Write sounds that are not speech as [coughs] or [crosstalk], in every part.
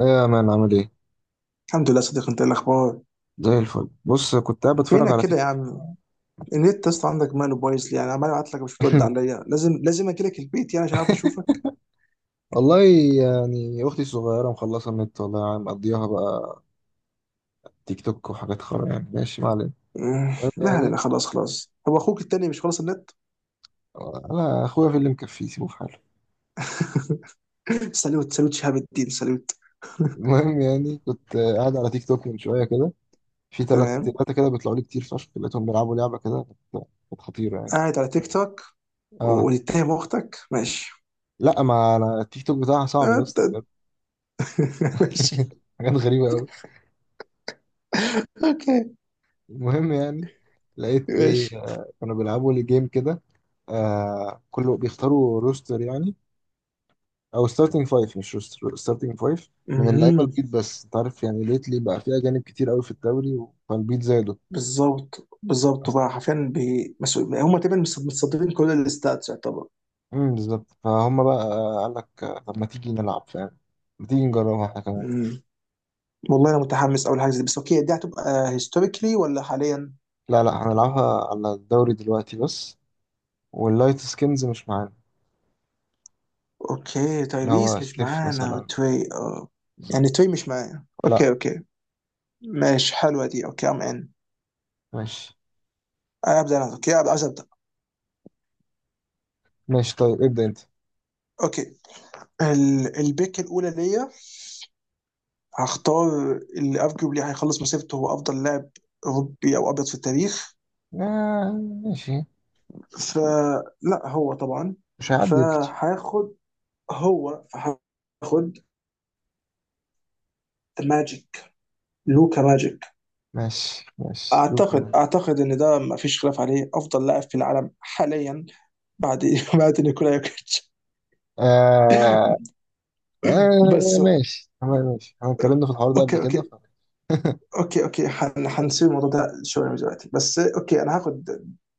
ايه يا مان عامل ايه؟ الحمد لله صديق. انت ايه الاخبار؟ زي الفل، بص كنت قاعد بتفرج فينك على تيك كده يا توك. عم؟ النت اصلا عندك ماله بايظ لي يعني، عمال ابعت لك مش بترد [laughs] عليا. لازم اجي لك البيت يعني عشان اعرف اشوفك. والله يعني اختي الصغيره مخلصه النت، والله يعني مقضيها بقى تيك توك وحاجات خرا. يعني ماشي ما علينا. المهم لا يعني لا، خلاص خلاص، هو اخوك التاني مش خلاص النت؟ انا اخويا في اللي مكفيه سيبه في حاله. [coughs] [laughs] سالوت سالوت شهاب الدين سالوت. المهم يعني كنت قاعد على تيك توك من شويه كده، في ثلاثه تمام. ثلاثه كده بيطلعوا لي كتير فشخ، لقيتهم بيلعبوا لعبه كده كانت خطيره يعني. قاعد على تيك توك اه ونتهم اختك، ماشي. لا، ما انا التيك توك بتاعها صعب يا اسطى بجد. [laughs] ماشي. [laughs] حاجات غريبه قوي. اوكي، المهم يعني لقيت ايه، ماشي. كانوا بيلعبوا لي جيم كده. كله بيختاروا روستر يعني، او ستارتنج فايف، مش روستر، ستارتنج فايف. من اللعيبه مهم. البيض، بس انت عارف يعني ليتلي بقى في اجانب كتير قوي في الدوري، فالبيض زادوا. بالظبط بالظبط، بقى أص- حرفيا بمسؤول، هم تقريبا متصدرين كل الاستاتس يعتبر. بالظبط، فهم بقى، قال لك طب ما تيجي نلعب، فاهم؟ ما تيجي نجربها احنا كمان. والله انا متحمس اول حاجه زي دي، بس اوكي، دي هتبقى هيستوريكلي ولا حاليا؟ لا لا، هنلعبها على الدوري دلوقتي بس. واللايت سكينز مش معانا. اوكي، اللي هو تايريس مش ستيف معانا مثلا. وتري، اه. يعني بالظبط. تري مش معانا، لا. اوكي اوكي. ماشي، حلوه دي. اوكي، ام ان، ماشي ابدا. انا اوكي، عايز ابدا. ماشي، طيب ابدأ انت. اوكي. البيك الاولى ليا. هختار اللي ارجوبلي هيخلص مسيرته، هو افضل لاعب اوروبي او ابيض في التاريخ. آه ماشي، فلا هو طبعا. مش هيعدي يمكن. فهاخد، هو فهاخد، ذا ماجيك، لوكا ماجيك. ماشي ماشي دوك. اعتقد ان ده ما فيش خلاف عليه افضل لاعب في العالم حاليا، بعد [laughs] بعد نيكولا يوكيتش. آه بس. آه ماشي تمام، ماشي، احنا اتكلمنا في الحوار ده اوكي قبل كده اوكي [laughs] اوكي اوكي، هنسيب الموضوع ده شويه من دلوقتي. بس اوكي، انا هاخد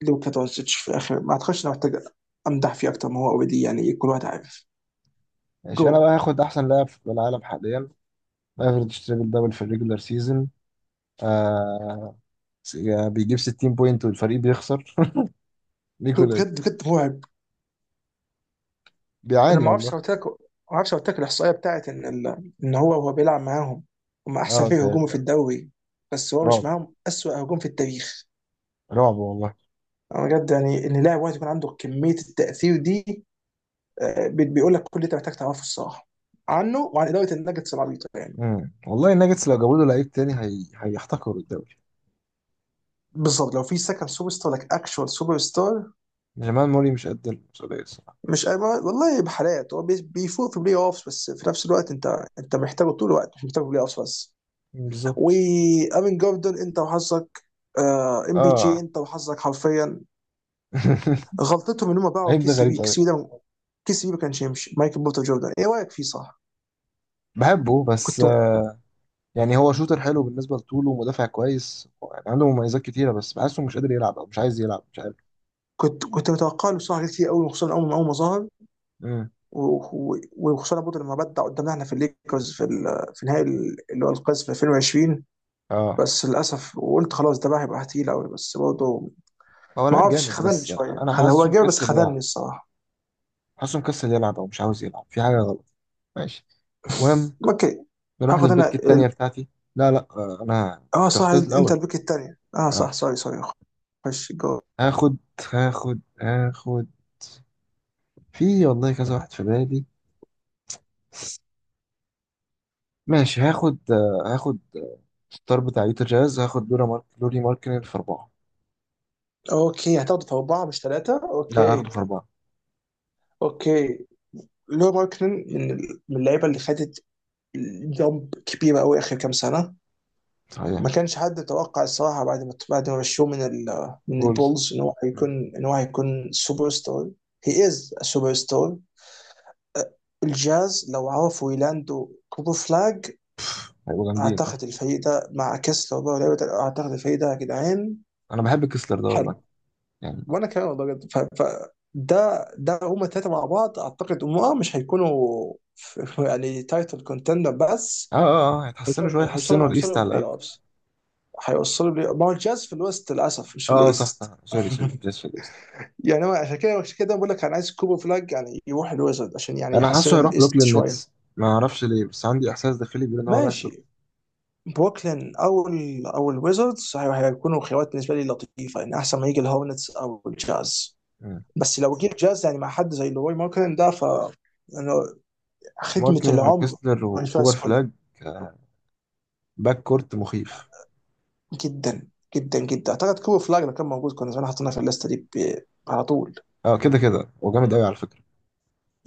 لوكا دونتش في اخر، ما اعتقدش إن أنا محتاج امدح فيه اكتر ما هو اوريدي، يعني كل واحد عارف. جو، ماشي، انا بقى هاخد احسن لاعب في العالم حاليا، افريج تريبل دبل في الريجولار سيزون. آه بيجيب 60 بوينت والفريق بيخسر. [laughs] هو نيكولا. بجد بجد مرعب. انا بيعاني ما اعرفش والله. هوتاك، ما اعرفش هوتاك الاحصائيه بتاعت ان ان هو، وهو بيلعب معاهم هم احسن اه فريق هجومي تهيألي في يعني. الدوري، بس هو مش رعب، معاهم اسوأ هجوم في التاريخ. رعب والله. أنا بجد يعني ان لاعب واحد يكون عنده كميه التاثير دي. بيقول لك كل اللي انت محتاج تعرفه الصراحه عنه، وعن اداره النجتس العبيطه يعني. مم. والله الناجتس لو جابوا له لعيب تاني هيحتكروا الدوري. بالظبط، لو في سكند سوبر ستار لك، اكشوال سوبر ستار. جمال موري مش قد المسؤولية الصراحة. مش أي- والله بحالات هو بيفوق في بلاي اوفس، بس في نفس الوقت انت انت محتاجه طول الوقت مش محتاجه في بلاي اوفس بس. بالظبط. وامين جوردن انت وحظك. ام بي جي اه انت وحظك حرفيا. [laughs] غلطتهم ان هم باعوا اللعيب كي ده سي غريب بي. كي سي قوي. بي ده، كي سي بي، ما كانش يمشي. مايكل بورتر جوردن ايه رايك فيه، صح؟ بحبه، بس كنت يعني هو شوتر حلو بالنسبه لطوله ومدافع كويس، يعني عنده مميزات كتيره، بس بحسه مش قادر يلعب او مش عايز يلعب، مش عارف. كنت متوقع له بصراحه حاجات كتير قوي، وخصوصا اول ما ظهر. امم وخصوصا برضه لما بدع قدامنا احنا في الليكرز في في نهائي اللي هو القاس في 2020. اه بس للاسف، وقلت خلاص ده بقى هيبقى تقيل قوي، بس برضه هو ما لعيب اعرفش، جامد، خذلني بس شويه، انا خذ هو حاسه جاب بس مكسل خذلني يلعب. الصراحه. حاسه مكسل يلعب او مش عاوز يلعب، في حاجه غلط. ماشي. المهم اوكي، نروح هاخد انا للبيك ال... التانية بتاعتي. لا لا، انا اه انت صح. اخترت انت الاول. البيك الثانيه، اه صح، اه، سوري سوري. خش جو. هاخد هاخد. في والله كذا واحد في بالي. ماشي هاخد ستار بتاع يوتا جاز. هاخد لورا مارك لوري ماركنن في أربعة. اوكي، هتاخد في اربعه مش ثلاثه، لا هاخده اوكي. في أربعة. اوكي. لو ماركنن من من اللعيبه اللي خدت جامب كبيره قوي اخر كام سنه. صحيح. ما كانش حد يتوقع الصراحه، بعد ما مشوه من من بولز. البولز ان هو هيكون، مم. ان هو هيكون سوبر ستار. هي از سوبر ستار. الجاز لو عرفوا يلاندوا كوبر فلاج، هيبقوا جامدين. اعتقد الفريق ده مع كسلر بقى، اعتقد الفريق ده يا جدعان انا بحب كسلر ده والله. حلو. يعني. وانا كمان والله جد. ده ده هما الثلاثه مع بعض، اعتقد هم اه مش هيكونوا يعني تايتل كونتندر، بس اه اه اه، هيتحسنوا شويه، هيوصلوا هيوصلوا يحسنوا هيوصلوا الايست على بلاي الاقل. اوفس. هيوصلوا، لي ما هو الجاز في الويست للاسف مش في اه صح الايست. صح، [laughs] سوري سوري، جاز في الايست. يعني هو عشان كده، عشان كده بقول لك انا عايز كوبر فلاج يعني يروح الويزرد، عشان يعني انا حاسه يحسنوا هيروح الايست بروكلين شويه. نتس. ما اعرفش ليه، بس عندي احساس داخلي بيقول ان هو رايح بروكلين. ماشي. بروكلين او الويزردز هيكونوا خيارات بالنسبه لي لطيفه، يعني احسن ما يجي الهورنتس او الجاز. مم. بس لو جه الجاز يعني مع حد زي لوي ماركلين ده، ف يعني خدمه مارتن العمر. وكسلر وكوبر كونفاس، فلاج. آه، باك كورت مخيف. جدا جدا جدا. اعتقد كوبر فلاج لو كان موجود كنا زمان حطيناه في الليسته دي على طول. اه كده كده وجامد قوي على فكره.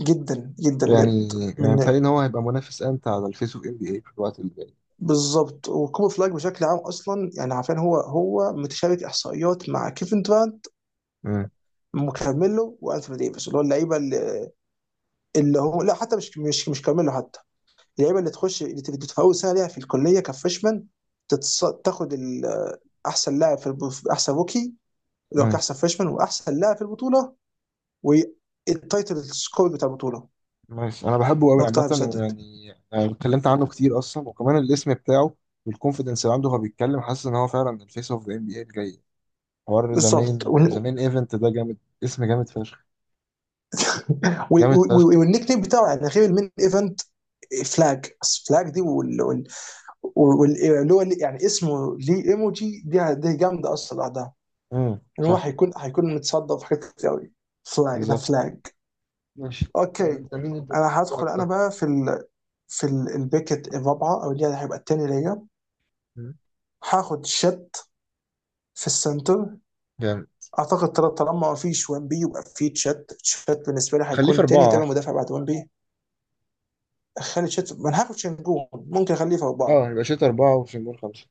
جدا جدا بجد. يعني يعني بيتهيألي من ان هو هيبقى منافس امتع على الفيس اوف ام بي اي في الوقت اللي جاي. بالظبط. وكوبر فلاج بشكل عام اصلا يعني عارفين، هو هو متشارك احصائيات مع كيفن دورانت مم. وكارميلو وانثوني ديفيس، اللي هو اللعيبه اللي هو، لا حتى مش كارميلو حتى. اللعيبه اللي تخش، اللي تبقى في اول سنه ليها في الكليه كفريشمان، تاخد احسن لاعب في احسن روكي، اللي هو مم. كاحسن فريشمان واحسن لاعب في البطوله، والتايتل سكور بتاع البطوله، ماشي انا بحبه قوي اكتر عامه. واحد مسدد ويعني أنا اتكلمت عنه كتير اصلا، وكمان الاسم بتاعه والكونفيدنس اللي عنده وهو بيتكلم، حاسس ان هو فعلا الفيس اوف ذا ام بي اي الجاي. حوار بالظبط. زمان زمان، ايفنت ده جامد. اسم جامد فشخ. [laughs] [applause] جامد فشخ. والنيك نيم بتاعه يعني غير المين ايفنت فلاج، فلاج دي واللي هو يعني اسمه ليه ايموجي دي، دي جامده اصلا لوحدها. ان هو صح. هيكون، هيكون متصدر في حاجات كتير قوي. فلاج ده بالظبط. فلاج. ماشي، طب اوكي. انت مين اللي انا هدخل بتتوقع انا ده؟ بقى في ال... في البيكت الرابعه، او اللي هيبقى التاني ليا. مم. هاخد شت في السنتر. جامد. اعتقد طالما ما فيش 1 بي يبقى في تشات، تشات بالنسبه لي خليه في هيكون تاني اربعه تابع احسن. مدافع بعد 1 بي. اخلي تشات، ما انا هاخد شنجون ممكن اخليه في اربعه. اه يبقى شوت اربعه وشنجون خمسه.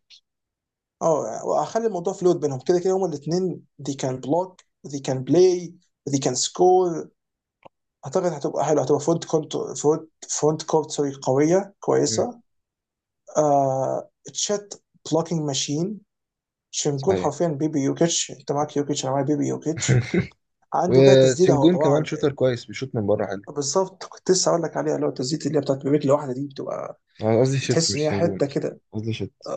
اه واخلي الموضوع فلويد بينهم، كده كده هما الاثنين، دي كان بلوك ودي كان بلاي ودي كان سكور. اعتقد هتبقى حلوه، هتبقى فرونت كونت، فرونت كورت سوري، قويه امم كويسه. آه تشات، بلوكينج ماشين. شنجون صحيح. حرفيا بيبي يوكيتش. انت معاك يوكيتش، انا معايا بيبي يوكيتش. [laughs] عنده كده تسديده هو وسنجون كمان طبعا. شوتر كويس، بيشوت من بره حلو. بالظبط، كنت لسه هقول لك عليها، اللي هو التسديده اللي هي بتاعت برجل واحده دي، بتبقى أنا قصدي شوت بتحس ان مش هي سنجون حته اصلا. كده. قصدي شوت.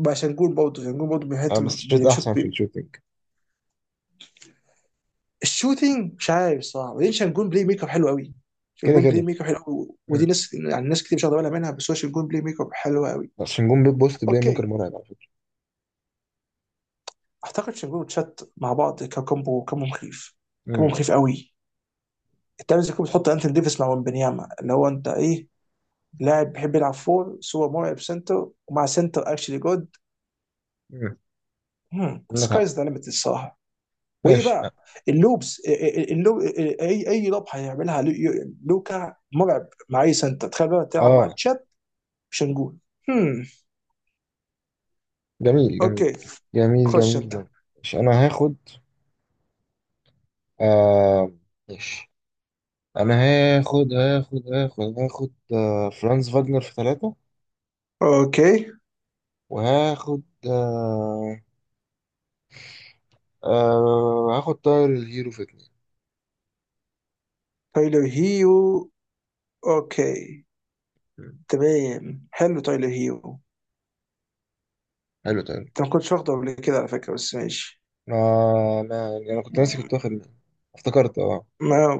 بقى شنجون برضه، شنجون برضه اه بيحط بس شوت بيشوط. احسن في الشوتنج. الشوتينج مش عارف الصراحه. وبعدين شانجون بلاي ميك اب حلو قوي، كده شانجون بلاي كده. ميك اب حلو قوي، ودي ناس يعني ناس كتير مش واخده بالها منها، بس هو شانجون بلاي ميك اب حلو قوي. بس نجوم بيب بوست بلاي ميكر اوكي. مرعب على فكرة. اعتقد شانجون وتشات مع بعض ككومبو، كومبو مخيف، كومبو امم مخيف قوي. انت عايز تكون بتحط انتون ديفيس مع ومبنياما، اللي هو انت ايه، لاعب بيحب يلعب فور سوى مرعب سنتر، ومع سنتر اكشلي جود. امم، عندك حق. سكايز ذا ليميت الصراحه. وايه ماشي. بقى؟ اللوبس، اي اي لوب هيعملها. لوكا مرعب مع اي سنتر، تخيل بقى تلعب مع اه تشات. مش هنقول. هم. جميل جميل اوكي، جميل خش جميل انت. جميل. ماشي انا هاخد آه ماشي انا فرانز فاجنر في ثلاثة. اوكي، وهاخد آه آه هاخد طاير الهيرو في اتنين. تايلر هيو، اوكي. مم. تمام، حلو تايلر هيو. حلو طاير. انت ما كنتش واخده قبل كده على فكره، بس ماشي. انا كنت ناسي كنت واخد مين. افتكرت. اه ما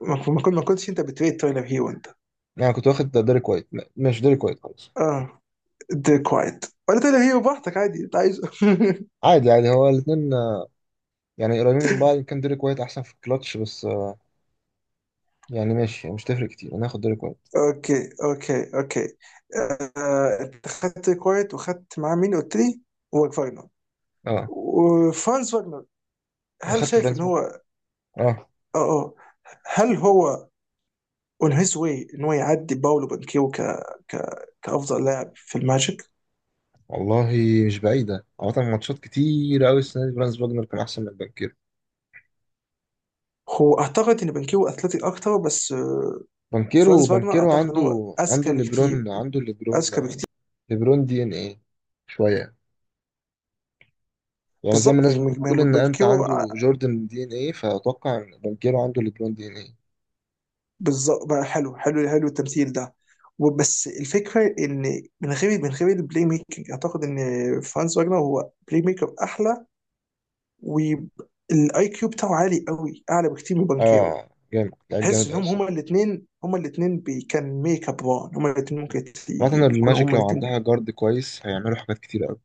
ما كنتش انت بتريد تايلر هيو انت؟ انا كنت واخد ديريك وايت. لا، ماشي ديريك وايت خلاص. اه. دي كوايت ولا تايلر هيو، براحتك، عادي انت عايزه. [laughs] عادي عادي، هو الاثنين يعني قريبين من بعض، كان ديريك وايت احسن في الكلاتش، بس يعني ماشي، يعني مش تفرق كتير، انا هاخد ديريك وايت. اوكي اوكي اوكي. انت خدت كوايت وخدت معاه مين قلت لي؟ وفاجنر، اه وفرانز فاجنر. انا هل خدت شايف فرانس ان بوجنر. هو اه، اه اه، هل هو اون هيز واي ان هو يعدي باولو بانكيو كافضل لاعب في الماجيك؟ والله، مش بعيدة عامة، ماتشات كتير أوي السنة دي فرانس بوجنر كان أحسن من بانكيرو. هو اعتقد ان بانكيو اثليتيك اكتر، بس بانكيرو فرانز فاجنر بانكيرو اعتقد ان عنده. هو عنده اذكى بكتير، ليبرون، عنده اذكى ليبرون. بكتير. ليبرون دي إن إيه شوية. يعني زي ما بالظبط الناس يعني بتقول إن أنت بانكيو عنده جوردن دي إن إيه، فأتوقع إن بانكيرو عنده ليبرون دي إن إيه. بالظبط بقى، حلو حلو حلو التمثيل ده. وبس الفكره ان من غير البلاي ميكنج، اعتقد ان فرانز فاجنر هو بلاي ميكر احلى، والاي كيو بتاعه عالي قوي، اعلى بكتير من بانكيو. اه، جامد، لعيب تحس جامد أوي انهم هما الصراحة. الاثنين، هما الاثنين كان ميك اب وان، هما الاثنين ممكن عامة يكونوا الماجيك هما لو الاثنين. عندها جارد كويس هيعملوا حاجات كتير أوي.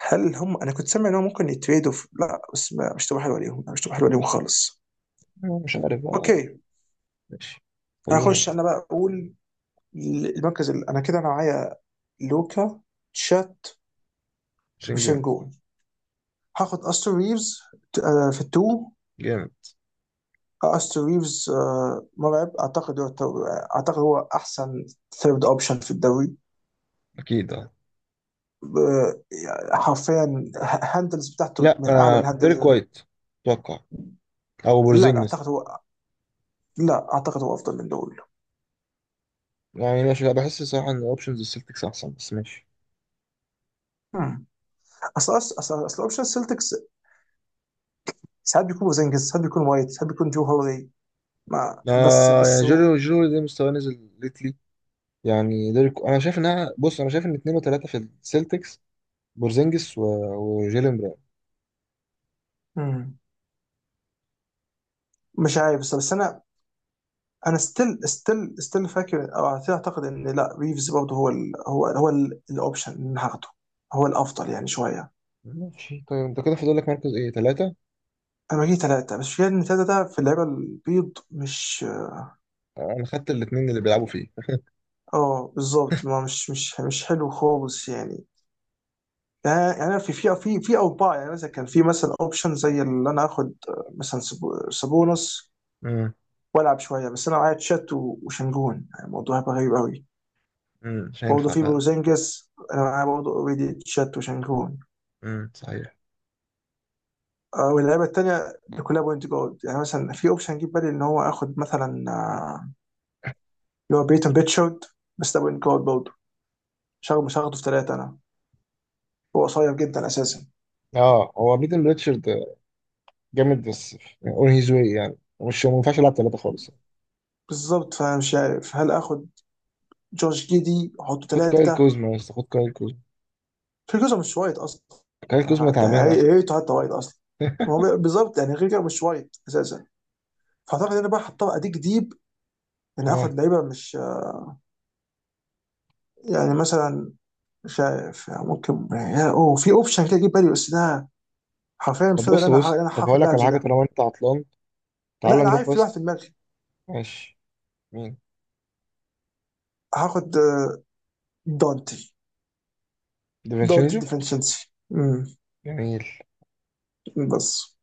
هل هم انا كنت سامع انهم ممكن يتريدوا في... لا بس مش تبقى حلوه عليهم، مش تبقى حلوه عليهم خالص. مش عارف بقى. اوكي. ماشي، هخش خلينا. انا بقى اقول المركز ال... انا كده انا معايا لوكا، تشات، شنجون وشنجون. هاخد استر ريفز، في التو. جامد. استر ريفز مرعب. اعتقد هو اعتقد هو احسن ثيرد اوبشن في الدوري. اكيد اه. يعني حرفيا هاندلز بتاعته لا، من اعلى ديريك الهاندلز. وايت اتوقع، او لا لا، بورزينجس. اعتقد هو، لا اعتقد هو افضل من دول. يعني ماشي، بحس صراحه ان اوبشنز السلتكس احسن، بس ماشي. هم. اصل اصل اصل أصل اوبشن السلتكس ساعات بيكون بوزنجز، ساعات بيكون وايت، ساعات بيكون جو هولي. ما بس، يعني بس هو، جيرو ده مستواه نزل ليتلي. يعني ديريك، انا شايف انها بص، انا شايف ان اتنين وتلاته في السلتكس، بورزينجس وجيلين براون. مم. مش عارف، بس انا، انا ستيل فاكر او اعتقد ان لا، ريفز برضه هو ال، هو هو الاوبشن اللي هاخده هو الافضل يعني شويه. ماشي، طيب انت كده فاضل لك مركز ايه، تلاته. انا بجيب ثلاثه، بس في ان ثلاثه ده في اللعيبه البيض مش، انا خدت الاتنين اللي بيلعبوا فيه. اه بالظبط، ما مش حلو خالص يعني. يعني يعني في اوضاع يعني مثلا، كان في مثلا اوبشن زي اللي انا اخد، مثلا سابونس امم والعب شويه، بس انا معايا تشات وشنجون، يعني الموضوع هيبقى غريب قوي. مش برضه هينفع في فعلا. بوزينجس انا معايا برضه اوريدي تشات وشنجون. صحيح. واللعيبه التانيه اللي كلها بوينت جارد، يعني مثلا في اوبشن جه في بالي ان هو اخد مثلا، اللي هو بيتون بيتشارد، بس ده بوينت جارد برضه. مش هاخده مش هاخده في ثلاثه انا، هو قصير جدا اساسا. اه هو بيتن ريتشارد جامد، بس اون هيز واي، يعني مش، ما ينفعش يلعب ثلاثه خالص يعني. بالظبط، فانا مش عارف هل اخد جورج جيدي حطوا خد كايل ثلاثه. كوزما يا اسطى، خد كايل كوزما. فيرجسون مش وايد اصلا كايل كوزما حتى، تعبان يعني اصلا. هيته حتى وايد اصلا. هو بالظبط يعني غير كده مش وايد اساسا. فاعتقد انا بقى هضطر اديك ديب ان اخد اه لعيبه مش يعني مثلا، مش عارف يعني ممكن يعني اوه، في اوبشن كده اجيب بالي، بس ده حرفيا مش طب فاضي إن بص انا إن بص، انا طب هقول هاخد لك لاعب على زي حاجه ده. طالما انت عطلان. تعال لا انا نروح عارف، في واحد في بس. دماغي. ماشي. مين؟ هاخد دونتي، دونتي ديفينشينجو. ديفنشنسي. امم، جميل. بس.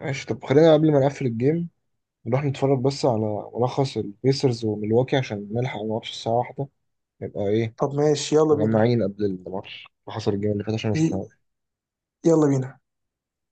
ماشي طب خلينا قبل ما نقفل الجيم، نروح نتفرج بس على ملخص البيسرز وميلواكي عشان نلحق الماتش الساعه واحدة، نبقى ايه طب ماشي، يلا بينا. مجمعين قبل الماتش اللي حصل الجيم اللي فات، عشان ما ي- شفناهوش. يلا بينا.